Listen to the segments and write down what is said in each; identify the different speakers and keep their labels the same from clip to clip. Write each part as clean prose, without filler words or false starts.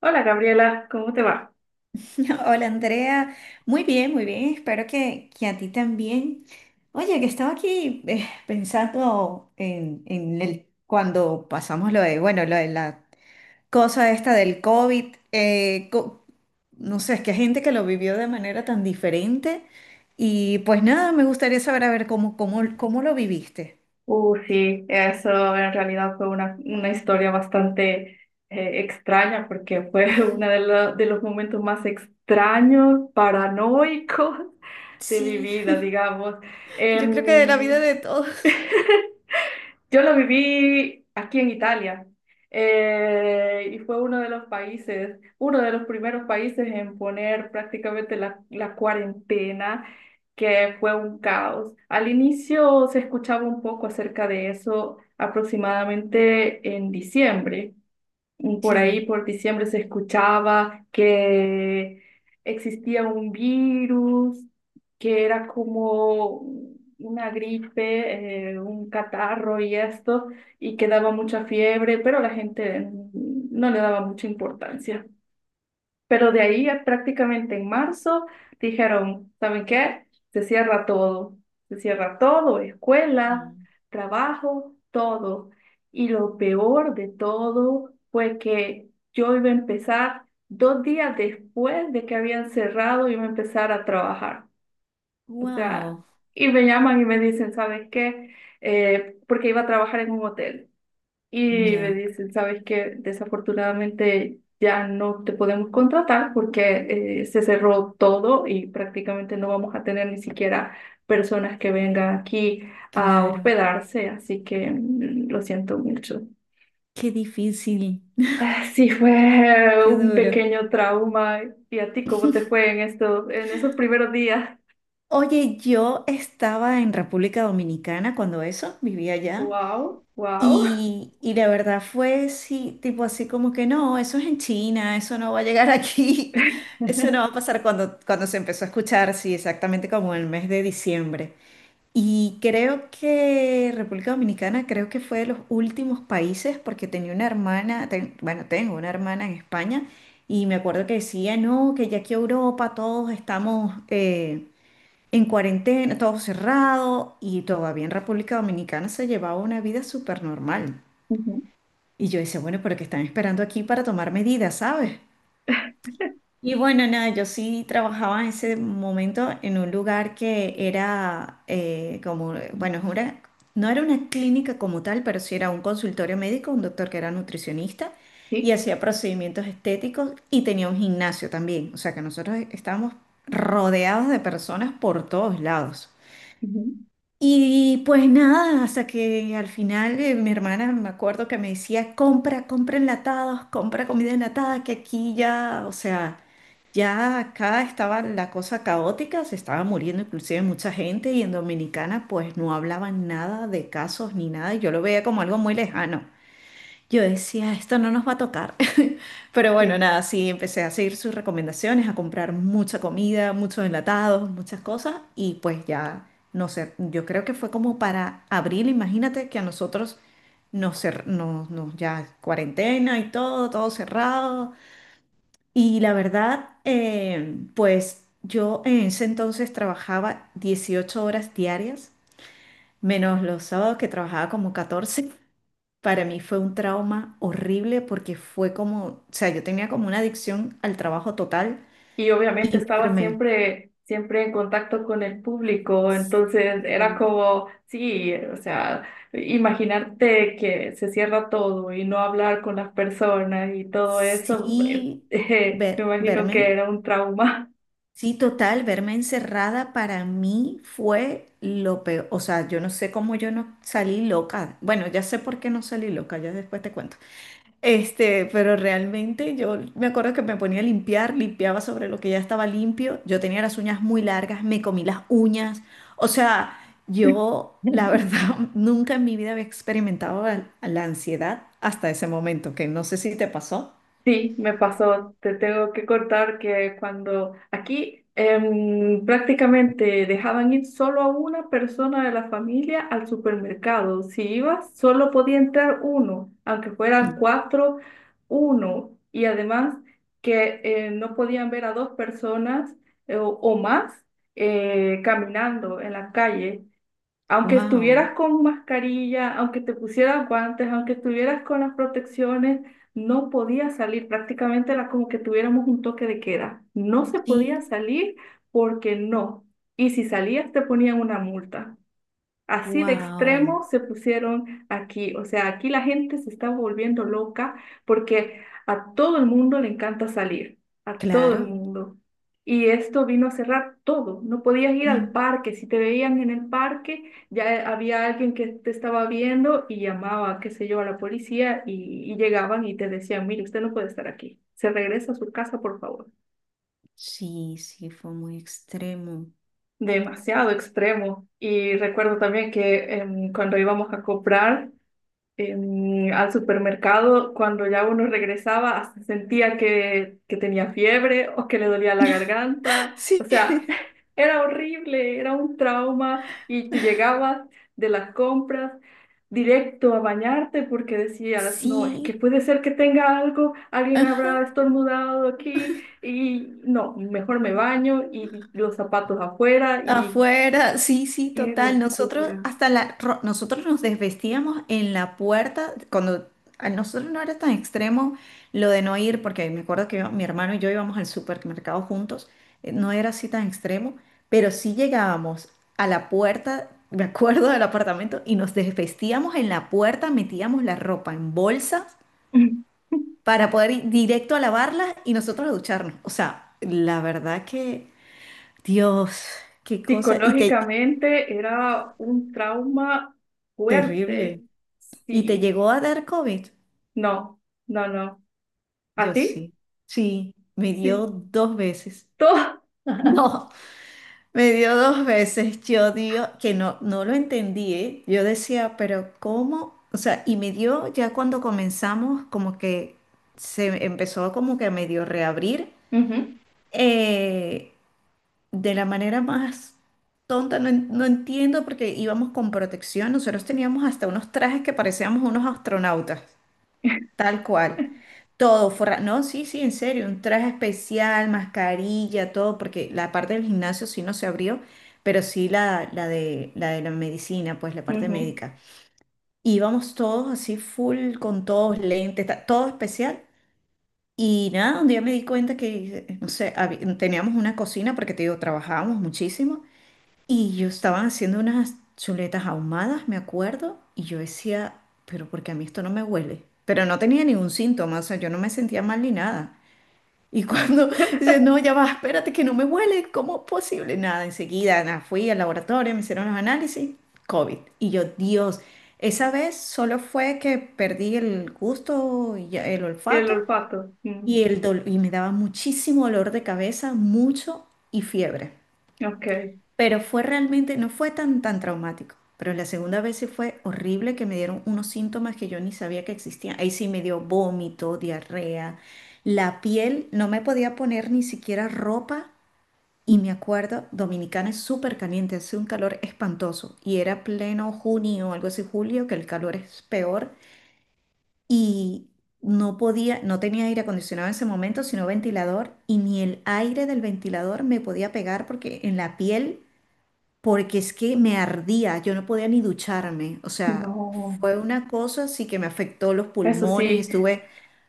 Speaker 1: Hola Gabriela, ¿cómo te va?
Speaker 2: Hola Andrea, muy bien, espero que a ti también. Oye, que estaba aquí pensando en cuando pasamos lo de, bueno, lo de la cosa esta del COVID, no sé, es que hay gente que lo vivió de manera tan diferente y pues nada, me gustaría saber a ver cómo lo viviste.
Speaker 1: Sí, eso en realidad fue una historia bastante extraña porque fue de los momentos más extraños, paranoicos de mi
Speaker 2: Sí,
Speaker 1: vida, digamos.
Speaker 2: yo creo que de la vida
Speaker 1: Em,
Speaker 2: de todos.
Speaker 1: Yo lo viví aquí en Italia, y fue uno de los países, uno de los primeros países en poner prácticamente la cuarentena, que fue un caos. Al inicio se escuchaba un poco acerca de eso aproximadamente en diciembre, por ahí
Speaker 2: Sí.
Speaker 1: por diciembre se escuchaba que existía un virus, que era como una gripe, un catarro y esto, y que daba mucha fiebre, pero la gente no le daba mucha importancia. Pero de ahí, prácticamente en marzo dijeron, ¿saben qué? Se cierra todo, se cierra todo, escuela, trabajo, todo. Y lo peor de todo fue que yo iba a empezar dos días después de que habían cerrado, iba a empezar a trabajar. O sea,
Speaker 2: Wow.
Speaker 1: y me llaman y me dicen, ¿sabes qué? Porque iba a trabajar en un hotel. Y me
Speaker 2: Ya,
Speaker 1: dicen, ¿sabes qué? Desafortunadamente ya no te podemos contratar porque se cerró todo y prácticamente no vamos a tener ni siquiera personas que vengan aquí a
Speaker 2: claro.
Speaker 1: hospedarse, así que mm, lo siento mucho.
Speaker 2: Qué difícil.
Speaker 1: Ah, sí, fue
Speaker 2: Qué
Speaker 1: un
Speaker 2: duro.
Speaker 1: pequeño trauma. ¿Y a ti cómo te fue en estos, en esos primeros días?
Speaker 2: Oye, yo estaba en República Dominicana cuando eso, vivía allá.
Speaker 1: Wow, wow.
Speaker 2: Y la verdad fue sí, tipo así como que no, eso es en China, eso no va a llegar aquí, eso no va a pasar cuando se empezó a escuchar, sí, exactamente como el mes de diciembre. Y creo que República Dominicana creo que fue de los últimos países porque tenía una hermana, bueno, tengo una hermana en España y me acuerdo que decía, no, que ya aquí Europa todos estamos... en cuarentena, todo cerrado y todavía en República Dominicana se llevaba una vida súper normal.
Speaker 1: Ujú.
Speaker 2: Y yo decía, bueno, pero ¿qué están esperando aquí para tomar medidas, ¿sabes? Y bueno, nada, yo sí trabajaba en ese momento en un lugar que era como, bueno, no era una clínica como tal, pero sí era un consultorio médico, un doctor que era nutricionista y
Speaker 1: Sí,
Speaker 2: hacía procedimientos estéticos y tenía un gimnasio también. O sea que nosotros estábamos rodeados de personas por todos lados.
Speaker 1: ujú,
Speaker 2: Y pues nada, hasta que al final mi hermana me acuerdo que me decía, compra, compra enlatados, compra comida enlatada, que aquí ya, o sea, ya acá estaba la cosa caótica, se estaba muriendo inclusive mucha gente y en Dominicana pues no hablaban nada de casos ni nada, y yo lo veía como algo muy lejano. Yo decía, esto no nos va a tocar. Pero bueno,
Speaker 1: sí.
Speaker 2: nada, sí, empecé a seguir sus recomendaciones, a comprar mucha comida, muchos enlatados, muchas cosas, y pues ya, no sé, yo creo que fue como para abril, imagínate que a nosotros nos, cer- nos, nos- ya cuarentena y todo, todo cerrado. Y la verdad, pues yo en ese entonces trabajaba 18 horas diarias, menos los sábados que trabajaba como 14. Para mí fue un trauma horrible porque fue como, o sea, yo tenía como una adicción al trabajo total
Speaker 1: Y obviamente
Speaker 2: y
Speaker 1: estaba
Speaker 2: verme,
Speaker 1: siempre, siempre en contacto con el público, entonces era
Speaker 2: sí,
Speaker 1: como, sí, o sea, imaginarte que se cierra todo y no hablar con las personas y todo eso,
Speaker 2: sí,
Speaker 1: me imagino que
Speaker 2: verme,
Speaker 1: era un trauma.
Speaker 2: sí, total, verme encerrada para mí fue lo peor. O sea, yo no sé cómo yo no salí loca. Bueno, ya sé por qué no salí loca, ya después te cuento. Este, pero realmente yo me acuerdo que me ponía a limpiar, limpiaba sobre lo que ya estaba limpio. Yo tenía las uñas muy largas, me comí las uñas. O sea, yo, la verdad, nunca en mi vida había experimentado la ansiedad hasta ese momento, que no sé si te pasó.
Speaker 1: Sí, me pasó. Te tengo que cortar que cuando aquí prácticamente dejaban ir solo a una persona de la familia al supermercado. Si ibas, solo podía entrar uno, aunque fueran cuatro, uno. Y además que no podían ver a dos personas o más, caminando en la calle. Aunque
Speaker 2: Wow.
Speaker 1: estuvieras con mascarilla, aunque te pusieras guantes, aunque estuvieras con las protecciones, no podías salir. Prácticamente era como que tuviéramos un toque de queda. No se podía
Speaker 2: Sí,
Speaker 1: salir porque no. Y si salías te ponían una multa. Así de
Speaker 2: wow.
Speaker 1: extremo se pusieron aquí. O sea, aquí la gente se está volviendo loca porque a todo el mundo le encanta salir, a todo el
Speaker 2: Claro.
Speaker 1: mundo. Y esto vino a cerrar todo. No podías ir al
Speaker 2: Mm.
Speaker 1: parque. Si te veían en el parque, ya había alguien que te estaba viendo y llamaba, qué sé yo, a la policía, y llegaban y te decían, mire, usted no puede estar aquí. Se regresa a su casa, por favor.
Speaker 2: Sí, sí, fue muy extremo.
Speaker 1: Demasiado extremo. Y recuerdo también que cuando íbamos a comprar, al supermercado, cuando ya uno regresaba, hasta sentía que tenía fiebre o que le dolía la garganta. O
Speaker 2: Sí.
Speaker 1: sea, era horrible, era un trauma y tú llegabas de las compras directo a bañarte porque decías, no, es que
Speaker 2: Sí,
Speaker 1: puede ser que tenga algo, alguien habrá
Speaker 2: ajá.
Speaker 1: estornudado aquí y no, mejor me baño y los zapatos afuera y
Speaker 2: Afuera, sí, sí,
Speaker 1: qué
Speaker 2: total. Nosotros
Speaker 1: locura.
Speaker 2: hasta nosotros nos desvestíamos en la puerta cuando a nosotros no era tan extremo lo de no ir, porque me acuerdo que mi hermano y yo íbamos al supermercado juntos, no era así tan extremo, pero sí llegábamos a la puerta, me acuerdo del apartamento, y nos desvestíamos en la puerta, metíamos la ropa en bolsas para poder ir directo a lavarlas y nosotros a ducharnos. O sea, la verdad que, Dios, qué cosa. Y te,
Speaker 1: Psicológicamente era un trauma fuerte.
Speaker 2: terrible. ¿Y te
Speaker 1: Sí,
Speaker 2: llegó a dar COVID?
Speaker 1: no, no, no. ¿A
Speaker 2: Yo
Speaker 1: ti?
Speaker 2: sí. Sí, me
Speaker 1: Sí.
Speaker 2: dio dos veces.
Speaker 1: Todo.
Speaker 2: No, me dio dos veces. Yo digo que no, no lo entendí, ¿eh? Yo decía, pero ¿cómo? O sea, y me dio ya cuando comenzamos, como que se empezó como que a medio reabrir,
Speaker 1: Ujú,
Speaker 2: eh, de la manera más tonta, no, no entiendo, porque íbamos con protección, nosotros teníamos hasta unos trajes que parecíamos unos astronautas, tal cual. Todo, no, sí, sí, en serio, un traje especial, mascarilla, todo, porque la parte del gimnasio sí no se abrió, pero sí la de la medicina, pues la parte
Speaker 1: ujú.
Speaker 2: médica. Íbamos todos así full, con todos lentes, todo especial. Y nada, un día me di cuenta que, no sé, teníamos una cocina, porque te digo, trabajábamos muchísimo, y yo estaban haciendo unas chuletas ahumadas, me acuerdo, y yo decía, pero porque a mí esto no me huele. Pero no tenía ningún síntoma, o sea, yo no me sentía mal ni nada. Y cuando dice, no, ya va, espérate que no me huele, ¿cómo es posible? Nada, enseguida nada, fui al laboratorio, me hicieron los análisis, COVID. Y yo, Dios, esa vez solo fue que perdí el gusto, el
Speaker 1: Y el
Speaker 2: olfato
Speaker 1: olfato. Mm,
Speaker 2: y, y me daba muchísimo dolor de cabeza, mucho y fiebre.
Speaker 1: ok.
Speaker 2: Pero fue realmente, no fue tan, tan traumático. Pero la segunda vez sí fue horrible que me dieron unos síntomas que yo ni sabía que existían. Ahí sí me dio vómito, diarrea, la piel, no me podía poner ni siquiera ropa. Y me acuerdo, Dominicana es súper caliente, hace un calor espantoso. Y era pleno junio, algo así, julio, que el calor es peor. Y no podía, no tenía aire acondicionado en ese momento, sino ventilador. Y ni el aire del ventilador me podía pegar porque en la piel porque es que me ardía, yo no podía ni ducharme, o sea,
Speaker 1: No,
Speaker 2: fue una cosa así que me afectó los
Speaker 1: eso
Speaker 2: pulmones,
Speaker 1: sí.
Speaker 2: estuve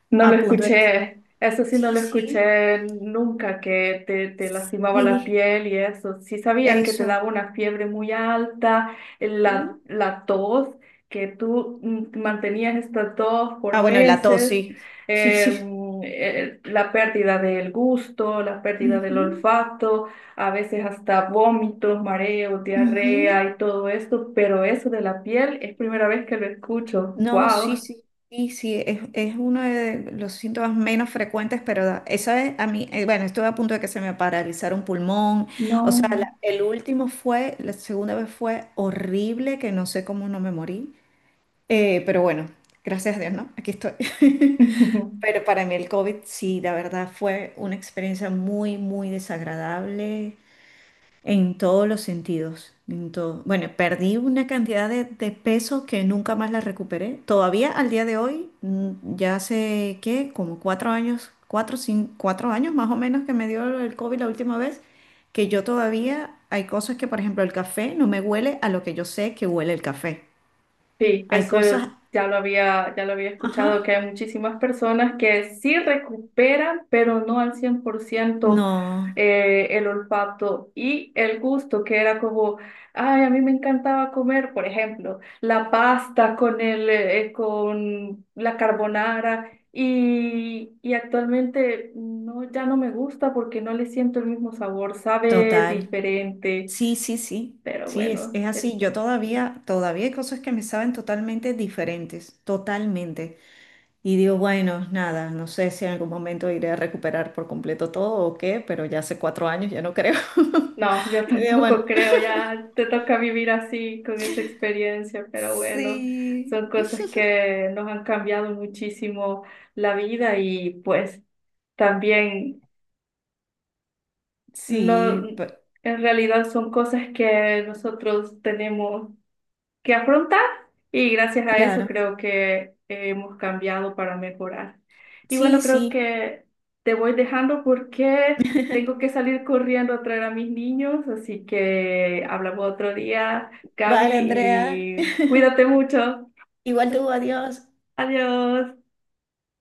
Speaker 1: No lo
Speaker 2: a punto de que...
Speaker 1: escuché, eso sí no
Speaker 2: Sí,
Speaker 1: lo
Speaker 2: sí,
Speaker 1: escuché nunca, que te lastimaba la
Speaker 2: sí,
Speaker 1: piel y eso. Sí sabía que te
Speaker 2: eso.
Speaker 1: daba una fiebre muy alta, la,
Speaker 2: Ujú.
Speaker 1: la tos, que tú mm, mantenías esta tos por
Speaker 2: Ah, bueno, y la tos,
Speaker 1: meses,
Speaker 2: sí, sí, sí.
Speaker 1: la pérdida del gusto, la pérdida del
Speaker 2: Ujú,
Speaker 1: olfato, a veces hasta vómitos, mareos, diarrea
Speaker 2: ujú.
Speaker 1: y todo esto, pero eso de la piel es primera vez que lo escucho.
Speaker 2: No, sí,
Speaker 1: ¡Wow!
Speaker 2: sí, sí, sí, es uno de los síntomas menos frecuentes, pero esa es a mí, bueno, estuve a punto de que se me paralizara un pulmón, o sea,
Speaker 1: No.
Speaker 2: el último fue, la segunda vez fue horrible, que no sé cómo no me morí. Pero bueno, gracias a Dios, ¿no? Aquí estoy. Pero para mí el COVID sí, la verdad fue una experiencia muy, muy desagradable en todos los sentidos. En todo. Bueno, perdí una cantidad de peso que nunca más la recuperé. Todavía al día de hoy, ya hace, ¿qué? Como 4 años, cuatro, cinco 4 años más o menos que me dio el COVID la última vez, que yo todavía hay cosas que, por ejemplo, el café no me huele a lo que yo sé que huele el café.
Speaker 1: Sí,
Speaker 2: Hay
Speaker 1: eso
Speaker 2: cosas...
Speaker 1: ya lo había
Speaker 2: Ajá,
Speaker 1: escuchado, que hay muchísimas personas que sí recuperan, pero no al 100%
Speaker 2: no,
Speaker 1: el olfato y el gusto, que era como, ay, a mí me encantaba comer, por ejemplo, la pasta con con la carbonara y actualmente no, ya no me gusta porque no le siento el mismo sabor, sabe
Speaker 2: total.
Speaker 1: diferente,
Speaker 2: Sí, sí, sí.
Speaker 1: pero
Speaker 2: Sí,
Speaker 1: bueno,
Speaker 2: es
Speaker 1: es...
Speaker 2: así. Yo todavía, todavía hay cosas que me saben totalmente diferentes, totalmente. Y digo, bueno, nada, no sé si en algún momento iré a recuperar por completo todo o qué, pero ya hace 4 años ya no creo.
Speaker 1: No, yo
Speaker 2: Y digo,
Speaker 1: tampoco
Speaker 2: bueno,
Speaker 1: creo, ya te toca vivir así con esa experiencia, pero bueno,
Speaker 2: sí,
Speaker 1: son cosas que nos han cambiado muchísimo la vida y pues también no,
Speaker 2: sí, pe-
Speaker 1: en realidad son cosas que nosotros tenemos que afrontar y gracias a eso
Speaker 2: claro.
Speaker 1: creo que hemos cambiado para mejorar. Y bueno,
Speaker 2: Sí,
Speaker 1: creo
Speaker 2: sí.
Speaker 1: que te voy dejando porque tengo que salir corriendo a traer a mis niños, así que hablamos otro día, Gaby,
Speaker 2: Vale, Andrea.
Speaker 1: y cuídate mucho.
Speaker 2: Igual tú, adiós.
Speaker 1: Adiós.